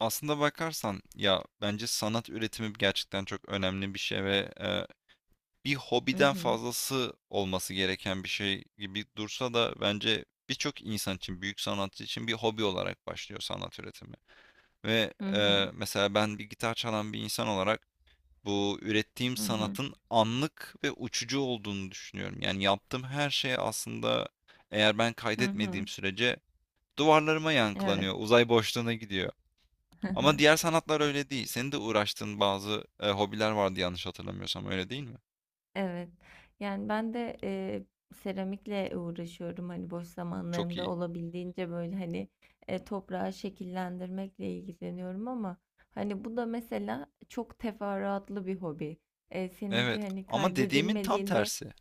Aslında bakarsan ya bence sanat üretimi gerçekten çok önemli bir şey ve bir Hı hobiden hı. fazlası olması gereken bir şey gibi dursa da bence birçok insan için, büyük sanatçı için bir hobi olarak başlıyor sanat üretimi. Ve Hı hı. e, mesela ben bir gitar çalan bir insan olarak bu ürettiğim Hı hı. sanatın anlık ve uçucu olduğunu düşünüyorum. Yani yaptığım her şey aslında eğer ben Hı hı. kaydetmediğim sürece duvarlarıma Evet. yankılanıyor, uzay boşluğuna gidiyor. Hı Ama hı. diğer sanatlar öyle değil. Senin de uğraştığın bazı hobiler vardı yanlış hatırlamıyorsam, öyle değil mi? Evet. Yani ben de seramikle uğraşıyorum hani boş Çok zamanlarımda iyi. olabildiğince böyle hani toprağı şekillendirmekle ilgileniyorum, ama hani bu da mesela çok teferruatlı bir hobi. Evet, Seninki hani ama dediğimin tam kaydedilmediğinde. tersi.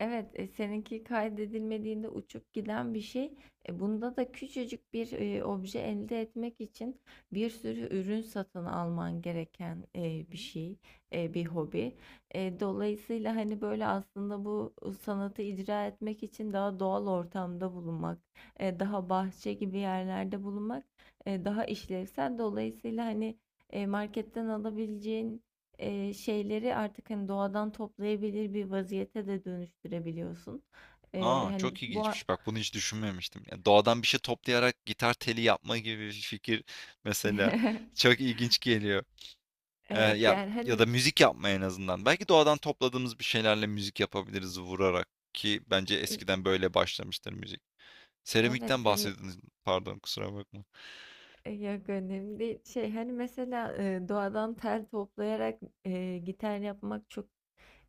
Evet, seninki kaydedilmediğinde uçup giden bir şey. Bunda da küçücük bir obje elde etmek için bir sürü ürün satın alman gereken bir şey, bir hobi. Dolayısıyla hani böyle aslında bu sanatı icra etmek için daha doğal ortamda bulunmak, daha bahçe gibi yerlerde bulunmak, daha işlevsel. Dolayısıyla hani marketten alabileceğin şeyleri artık hani doğadan toplayabilir bir vaziyete de dönüştürebiliyorsun. E, Aa, hani çok bu a- ilginçmiş. Bak bunu hiç düşünmemiştim. Ya, doğadan bir şey toplayarak gitar teli yapma gibi bir fikir mesela çok ilginç geliyor. Eee, evet, ya yani ya da hani. müzik yapma en azından. Belki doğadan topladığımız bir şeylerle müzik yapabiliriz vurarak ki bence eskiden böyle başlamıştır müzik. Seramikten Evet hani, bahsediniz. Pardon, kusura bakma. Yok önemli değil. Şey hani mesela doğadan tel toplayarak gitar yapmak çok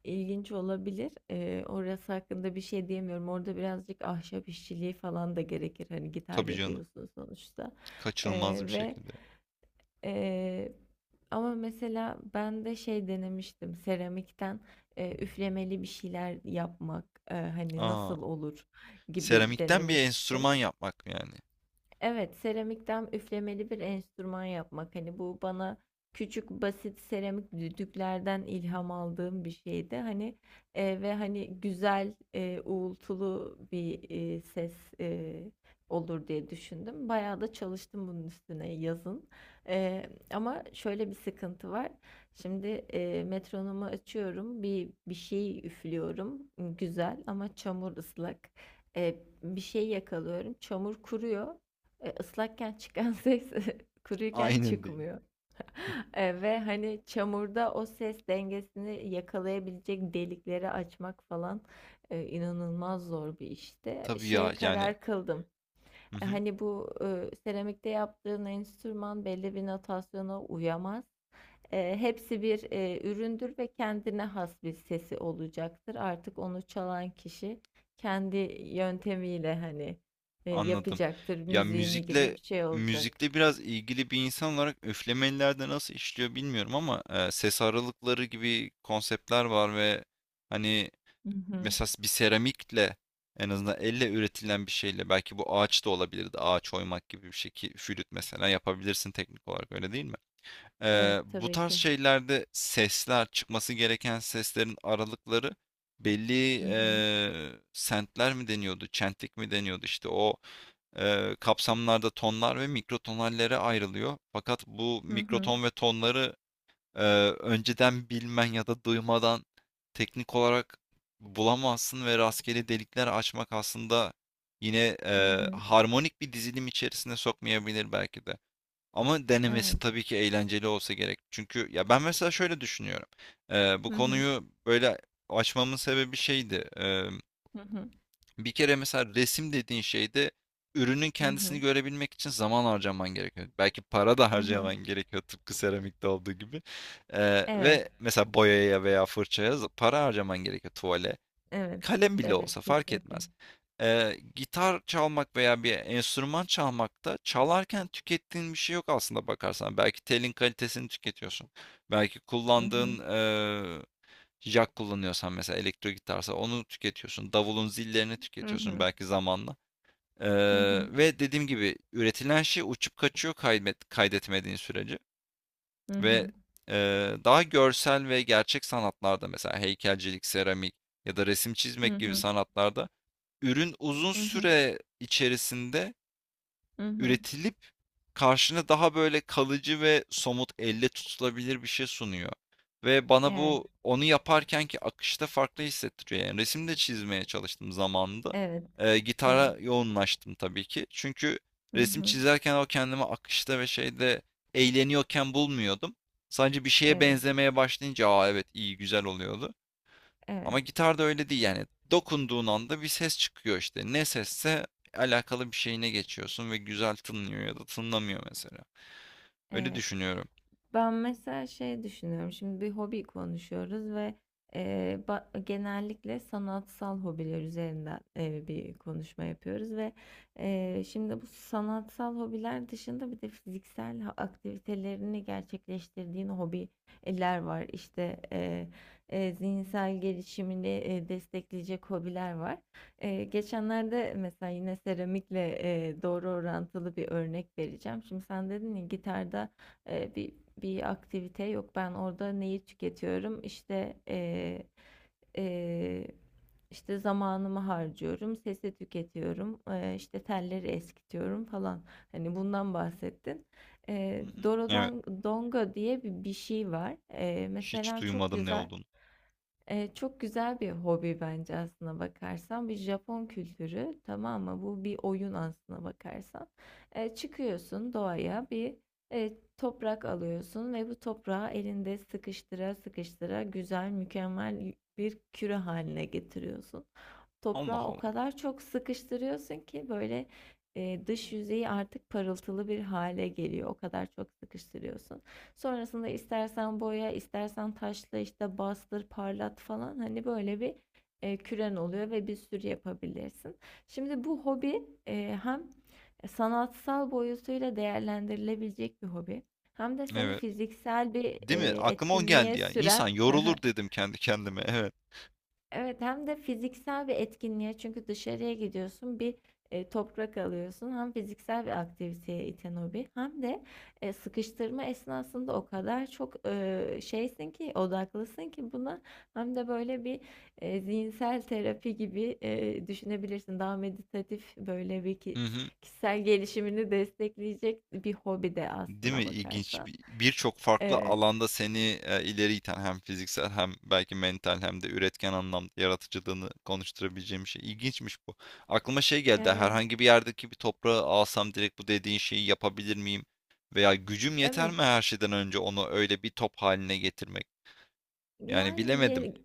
ilginç olabilir. Orası hakkında bir şey diyemiyorum. Orada birazcık ahşap işçiliği falan da gerekir. Hani gitar Tabii canım. yapıyorsun sonuçta. Kaçınılmaz E, bir ve şekilde. Ee, ama mesela ben de şey denemiştim seramikten, üflemeli bir şeyler yapmak, hani Aa. nasıl olur gibi Seramikten bir denemiştim. enstrüman yapmak yani. Evet, seramikten üflemeli bir enstrüman yapmak. Hani bu bana küçük basit seramik düdüklerden ilham aldığım bir şeydi. Hani ve hani güzel uğultulu bir ses e, olur diye düşündüm. Bayağı da çalıştım bunun üstüne yazın. Ama şöyle bir sıkıntı var. Şimdi metronomu açıyorum, bir şey üflüyorum, güzel ama çamur ıslak. E, Bir şey yakalıyorum, çamur kuruyor. Islakken çıkan ses kuruyken Aynen değil. çıkmıyor. Ve hani çamurda o ses dengesini yakalayabilecek delikleri açmak falan inanılmaz zor bir işte. Tabii ya Şeye yani, karar kıldım. hı hı, Hani bu seramikte yaptığın enstrüman belli bir notasyona uyamaz. Hepsi bir üründür ve kendine has bir sesi olacaktır. Artık onu çalan kişi kendi yöntemiyle hani anladım. yapacaktır Ya müziğini, gibi müzikle bir şey olacak. müzikle biraz ilgili bir insan olarak üflemelilerde nasıl işliyor bilmiyorum ama e, ses aralıkları gibi konseptler var ve hani Hı hı. mesela bir seramikle en azından elle üretilen bir şeyle belki bu ağaç da olabilirdi. Ağaç oymak gibi bir şey ki flüt mesela yapabilirsin teknik olarak öyle değil mi? Evet, Bu tabii tarz ki. şeylerde sesler, çıkması gereken seslerin aralıkları belli, Hı hı. Sentler mi deniyordu, çentlik mi deniyordu? İşte o kapsamlarda tonlar ve mikrotonallere ayrılıyor. Fakat bu Hı hı. mikroton ve tonları eee, önceden bilmen ya da duymadan teknik olarak bulamazsın ve rastgele delikler açmak aslında yine Hı hı. harmonik bir dizilim içerisine sokmayabilir belki de. Ama denemesi Evet. tabii ki eğlenceli olsa gerek. Çünkü ya ben mesela şöyle düşünüyorum. Bu Hı hı. konuyu böyle açmamın sebebi şeydi. Hı hı. Bir kere mesela resim dediğin şeyde ürünün Hı kendisini hı. görebilmek için zaman harcaman gerekiyor. Belki para da Hı hı. harcaman gerekiyor tıpkı seramikte olduğu gibi. Evet. Ve mesela boyaya veya fırçaya para harcaman gerekiyor. Tuvale Evet. kalem bile Evet, olsa fark kesinlikle. etmez. Gitar çalmak veya bir enstrüman çalmakta çalarken tükettiğin bir şey yok aslında bakarsan. Belki telin kalitesini tüketiyorsun. Belki Hı hı. kullandığın jack kullanıyorsan mesela elektro gitarsa onu tüketiyorsun. Davulun zillerini Hı tüketiyorsun hı. belki zamanla. Ee, Hı hı. Ve dediğim gibi üretilen şey uçup kaçıyor kaydetmediğin sürece. Hı Ve hı. Daha görsel ve gerçek sanatlarda mesela heykelcilik, seramik ya da resim Hı çizmek gibi hı. sanatlarda ürün uzun Hı hı. süre içerisinde Hı hı. üretilip karşına daha böyle kalıcı ve somut, elle tutulabilir bir şey sunuyor ve bana Evet. bu onu yaparkenki akışta farklı hissettiriyor. Yani resim de çizmeye çalıştım zamanında. Evet. Evet. Gitara yoğunlaştım tabii ki. Çünkü Hı resim hı. çizerken o kendimi akışta ve şeyde eğleniyorken bulmuyordum. Sadece bir şeye Evet. benzemeye başlayınca, "Aa evet iyi, güzel" oluyordu. Evet, Ama gitarda öyle değil yani. Dokunduğun anda bir ses çıkıyor işte. Ne sesse alakalı bir şeyine geçiyorsun ve güzel tınlıyor ya da tınlamıyor mesela. Öyle evet. düşünüyorum. Ben mesela şey düşünüyorum. Şimdi bir hobi konuşuyoruz ve genellikle sanatsal hobiler üzerinden bir konuşma yapıyoruz, ve şimdi bu sanatsal hobiler dışında bir de fiziksel aktivitelerini gerçekleştirdiğin hobiler var. İşte zihinsel gelişimini destekleyecek hobiler var. Geçenlerde mesela yine seramikle doğru orantılı bir örnek vereceğim. Şimdi sen dedin ya, gitarda e, bir bir aktivite yok. Ben orada neyi tüketiyorum? İşte e, işte zamanımı harcıyorum, sesi tüketiyorum, işte telleri eskitiyorum falan. Hani bundan bahsettin. Hı hı. Evet. Dorodan Donga diye bir şey var. E, Hiç mesela çok duymadım ne güzel olduğunu. Çok güzel bir hobi bence, aslına bakarsan. Bir Japon kültürü, tamam mı? Bu bir oyun, aslına bakarsan. Çıkıyorsun doğaya, bir toprak alıyorsun ve bu toprağı elinde sıkıştıra sıkıştıra güzel, mükemmel bir küre haline getiriyorsun. Allah Toprağı o Allah. kadar çok sıkıştırıyorsun ki böyle, dış yüzeyi artık parıltılı bir hale geliyor. O kadar çok sıkıştırıyorsun. Sonrasında istersen boya, istersen taşla, işte, bastır, parlat falan, hani, böyle bir, küren oluyor ve bir sürü yapabilirsin. Şimdi bu hobi, hem sanatsal boyutuyla değerlendirilebilecek bir hobi, hem de seni Evet. fiziksel bir, Değil mi? Aklıma o etkinliğe geldi ya. İnsan süren. yorulur dedim kendi kendime. Evet. Evet, hem de fiziksel bir etkinliğe, çünkü dışarıya gidiyorsun, bir toprak alıyorsun, hem fiziksel bir aktiviteye iten o bir, hem de sıkıştırma esnasında o kadar çok şeysin ki, odaklısın ki buna, hem de böyle bir zihinsel terapi gibi düşünebilirsin, daha meditatif, böyle bir Hı hı. kişisel gelişimini destekleyecek bir hobi de, Değil mi? aslına İlginç. bakarsan. Birçok farklı E, alanda seni e, ileri iten hem fiziksel hem belki mental hem de üretken anlamda yaratıcılığını konuşturabileceğim bir şey. İlginçmiş bu. Aklıma şey geldi. evet, Herhangi bir yerdeki bir toprağı alsam direkt bu dediğin şeyi yapabilir miyim? Veya gücüm yeter evet, mi her şeyden önce onu öyle bir top haline getirmek? Yani yani bilemedim. gel.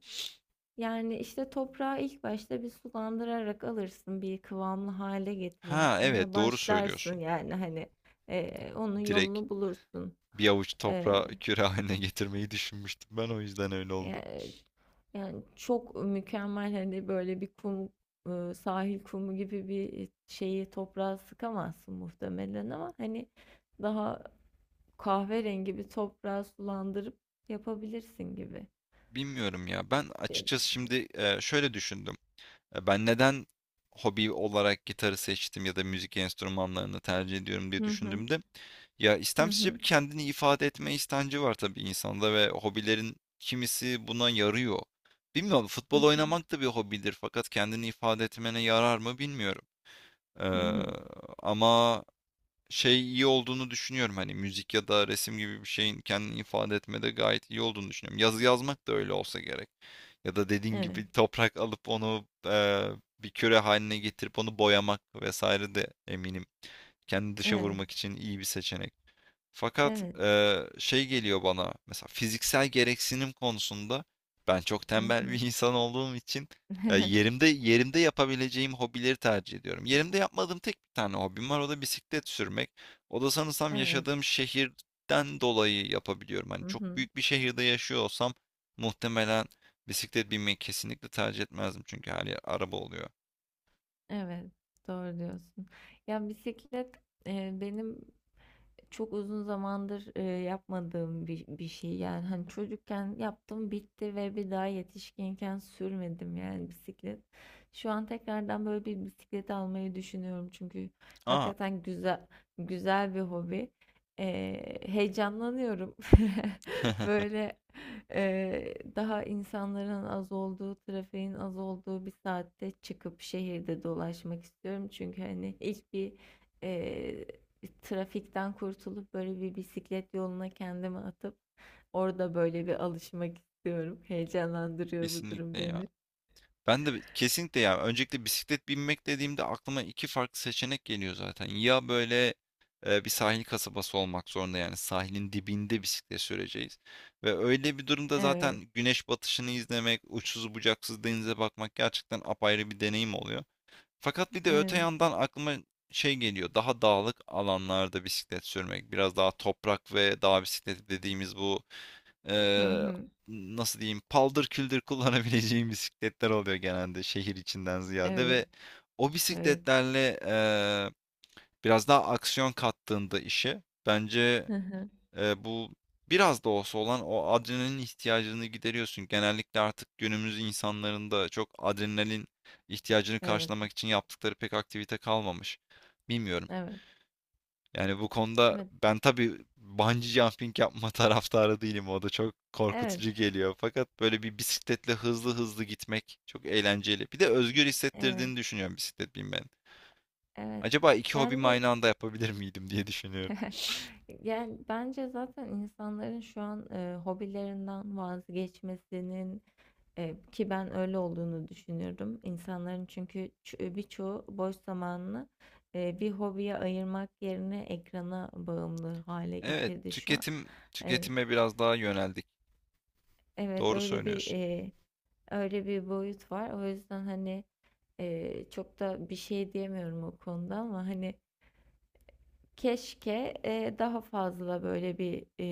Yani işte toprağı ilk başta bir sulandırarak alırsın, bir kıvamlı hale Ha getirirsin evet ve doğru başlarsın, söylüyorsun. yani hani onun Direkt yolunu bulursun. bir avuç Eee, toprağı küre haline getirmeyi düşünmüştüm. Ben o yüzden öyle oldu. Yani, yani çok mükemmel, hani böyle bir kum, sahil kumu gibi bir şeyi toprağa sıkamazsın muhtemelen, ama hani daha kahverengi bir toprağı sulandırıp yapabilirsin, gibi Bilmiyorum ya. Ben diye açıkçası düşündüm. şimdi şöyle düşündüm. Ben neden hobi olarak gitarı seçtim ya da müzik enstrümanlarını tercih ediyorum diye Hı hı. düşündüğümde ya Hı istemsizce bir hı. kendini ifade etme istenci var tabii insanda ve hobilerin kimisi buna yarıyor. Bilmiyorum Hı futbol hı. oynamak da bir hobidir fakat kendini ifade etmene yarar mı bilmiyorum. Ee, Hı hı. Ama şey iyi olduğunu düşünüyorum. Hani müzik ya da resim gibi bir şeyin kendini ifade etmede gayet iyi olduğunu düşünüyorum. Yazı yazmak da öyle olsa gerek. Ya da dediğin Evet. gibi toprak alıp onu bir küre haline getirip onu boyamak vesaire de eminim. Kendi dışa Evet. vurmak için iyi bir seçenek. Fakat Evet. Şey geliyor bana mesela fiziksel gereksinim konusunda ben çok Hı tembel bir hı. insan olduğum için yerimde yapabileceğim hobileri tercih ediyorum. Yerimde yapmadığım tek bir tane hobim var, o da bisiklet sürmek. O da sanırsam Evet. yaşadığım şehirden dolayı yapabiliyorum. Hani Hı çok hı. büyük bir şehirde yaşıyor olsam muhtemelen bisiklet binmeyi kesinlikle tercih etmezdim çünkü her yer araba oluyor. Evet. Doğru diyorsun. Ya bisiklet, benim çok uzun zamandır yapmadığım bir şey, yani hani çocukken yaptım bitti ve bir daha yetişkinken sürmedim, yani bisiklet. Şu an tekrardan böyle bir bisiklet almayı düşünüyorum, çünkü Aa, hakikaten güzel, güzel bir hobi. E, Heyecanlanıyorum. Böyle daha insanların az olduğu, trafiğin az olduğu bir saatte çıkıp şehirde dolaşmak istiyorum. Çünkü hani ilk bir e, trafikten kurtulup böyle bir bisiklet yoluna kendimi atıp orada böyle bir alışmak istiyorum. Heyecanlandırıyor bu durum kesinlikle ya. beni. Ben de kesinlikle ya, öncelikle bisiklet binmek dediğimde aklıma iki farklı seçenek geliyor zaten. Ya böyle e, bir sahil kasabası olmak zorunda yani sahilin dibinde bisiklet süreceğiz. Ve öyle bir durumda Evet, zaten güneş batışını izlemek, uçsuz bucaksız denize bakmak gerçekten apayrı bir deneyim oluyor. Fakat bir de öte evet. yandan aklıma şey geliyor, daha dağlık alanlarda bisiklet sürmek. Biraz daha toprak ve dağ bisikleti dediğimiz bu Hı eee, hı. nasıl diyeyim paldır küldür kullanabileceğim bisikletler oluyor genelde şehir içinden ziyade Evet, ve o evet. bisikletlerle biraz daha aksiyon kattığında işe bence Hı hı. Bu biraz da olsa olan o adrenalin ihtiyacını gideriyorsun. Genellikle artık günümüz insanların da çok adrenalin ihtiyacını Evet, karşılamak için yaptıkları pek aktivite kalmamış. Bilmiyorum. evet. Yani bu konuda Evet. ben tabii bungee jumping yapma taraftarı değilim. O da çok Evet. korkutucu geliyor. Fakat böyle bir bisikletle hızlı hızlı gitmek çok eğlenceli. Bir de özgür Evet. hissettirdiğini düşünüyorum bisiklet binmenin. Evet. Acaba iki Yani hobimi bu aynı anda yapabilir miydim diye düşünüyorum. yani bence zaten insanların şu an hobilerinden vazgeçmesinin. Ki ben öyle olduğunu düşünüyorum. İnsanların çünkü birçoğu boş zamanını bir hobiye ayırmak yerine ekrana bağımlı hale Evet, getirdi şu an. tüketim E, tüketime biraz daha yöneldik. evet, Doğru öyle bir söylüyorsun. e, öyle bir boyut var. O yüzden hani çok da bir şey diyemiyorum o konuda, ama hani keşke daha fazla böyle bir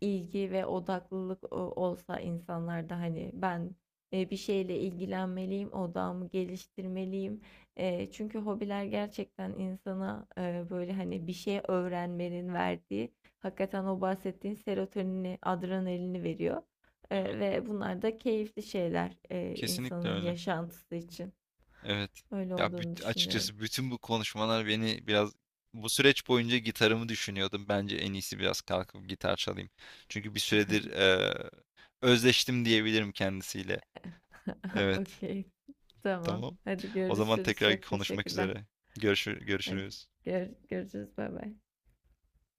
ilgi ve odaklılık olsa insanlarda, hani ben bir şeyle ilgilenmeliyim, odağımı geliştirmeliyim. Çünkü hobiler gerçekten insana böyle hani bir şey öğrenmenin verdiği, hakikaten o bahsettiğin serotonini, adrenalini veriyor. Evet, Ve bunlar da keyifli şeyler kesinlikle insanın öyle. yaşantısı için. Evet. Öyle Ya olduğunu düşünüyorum. açıkçası bütün bu konuşmalar beni biraz, bu süreç boyunca gitarımı düşünüyordum. Bence en iyisi biraz kalkıp gitar çalayım. Çünkü bir süredir özleştim diyebilirim kendisiyle. Evet. Okey. Tamam. Tamam. Hadi O zaman görüşürüz. tekrar Çok konuşmak teşekkürler. üzere. Hadi Görüşürüz. Görüşürüz. Bay bay.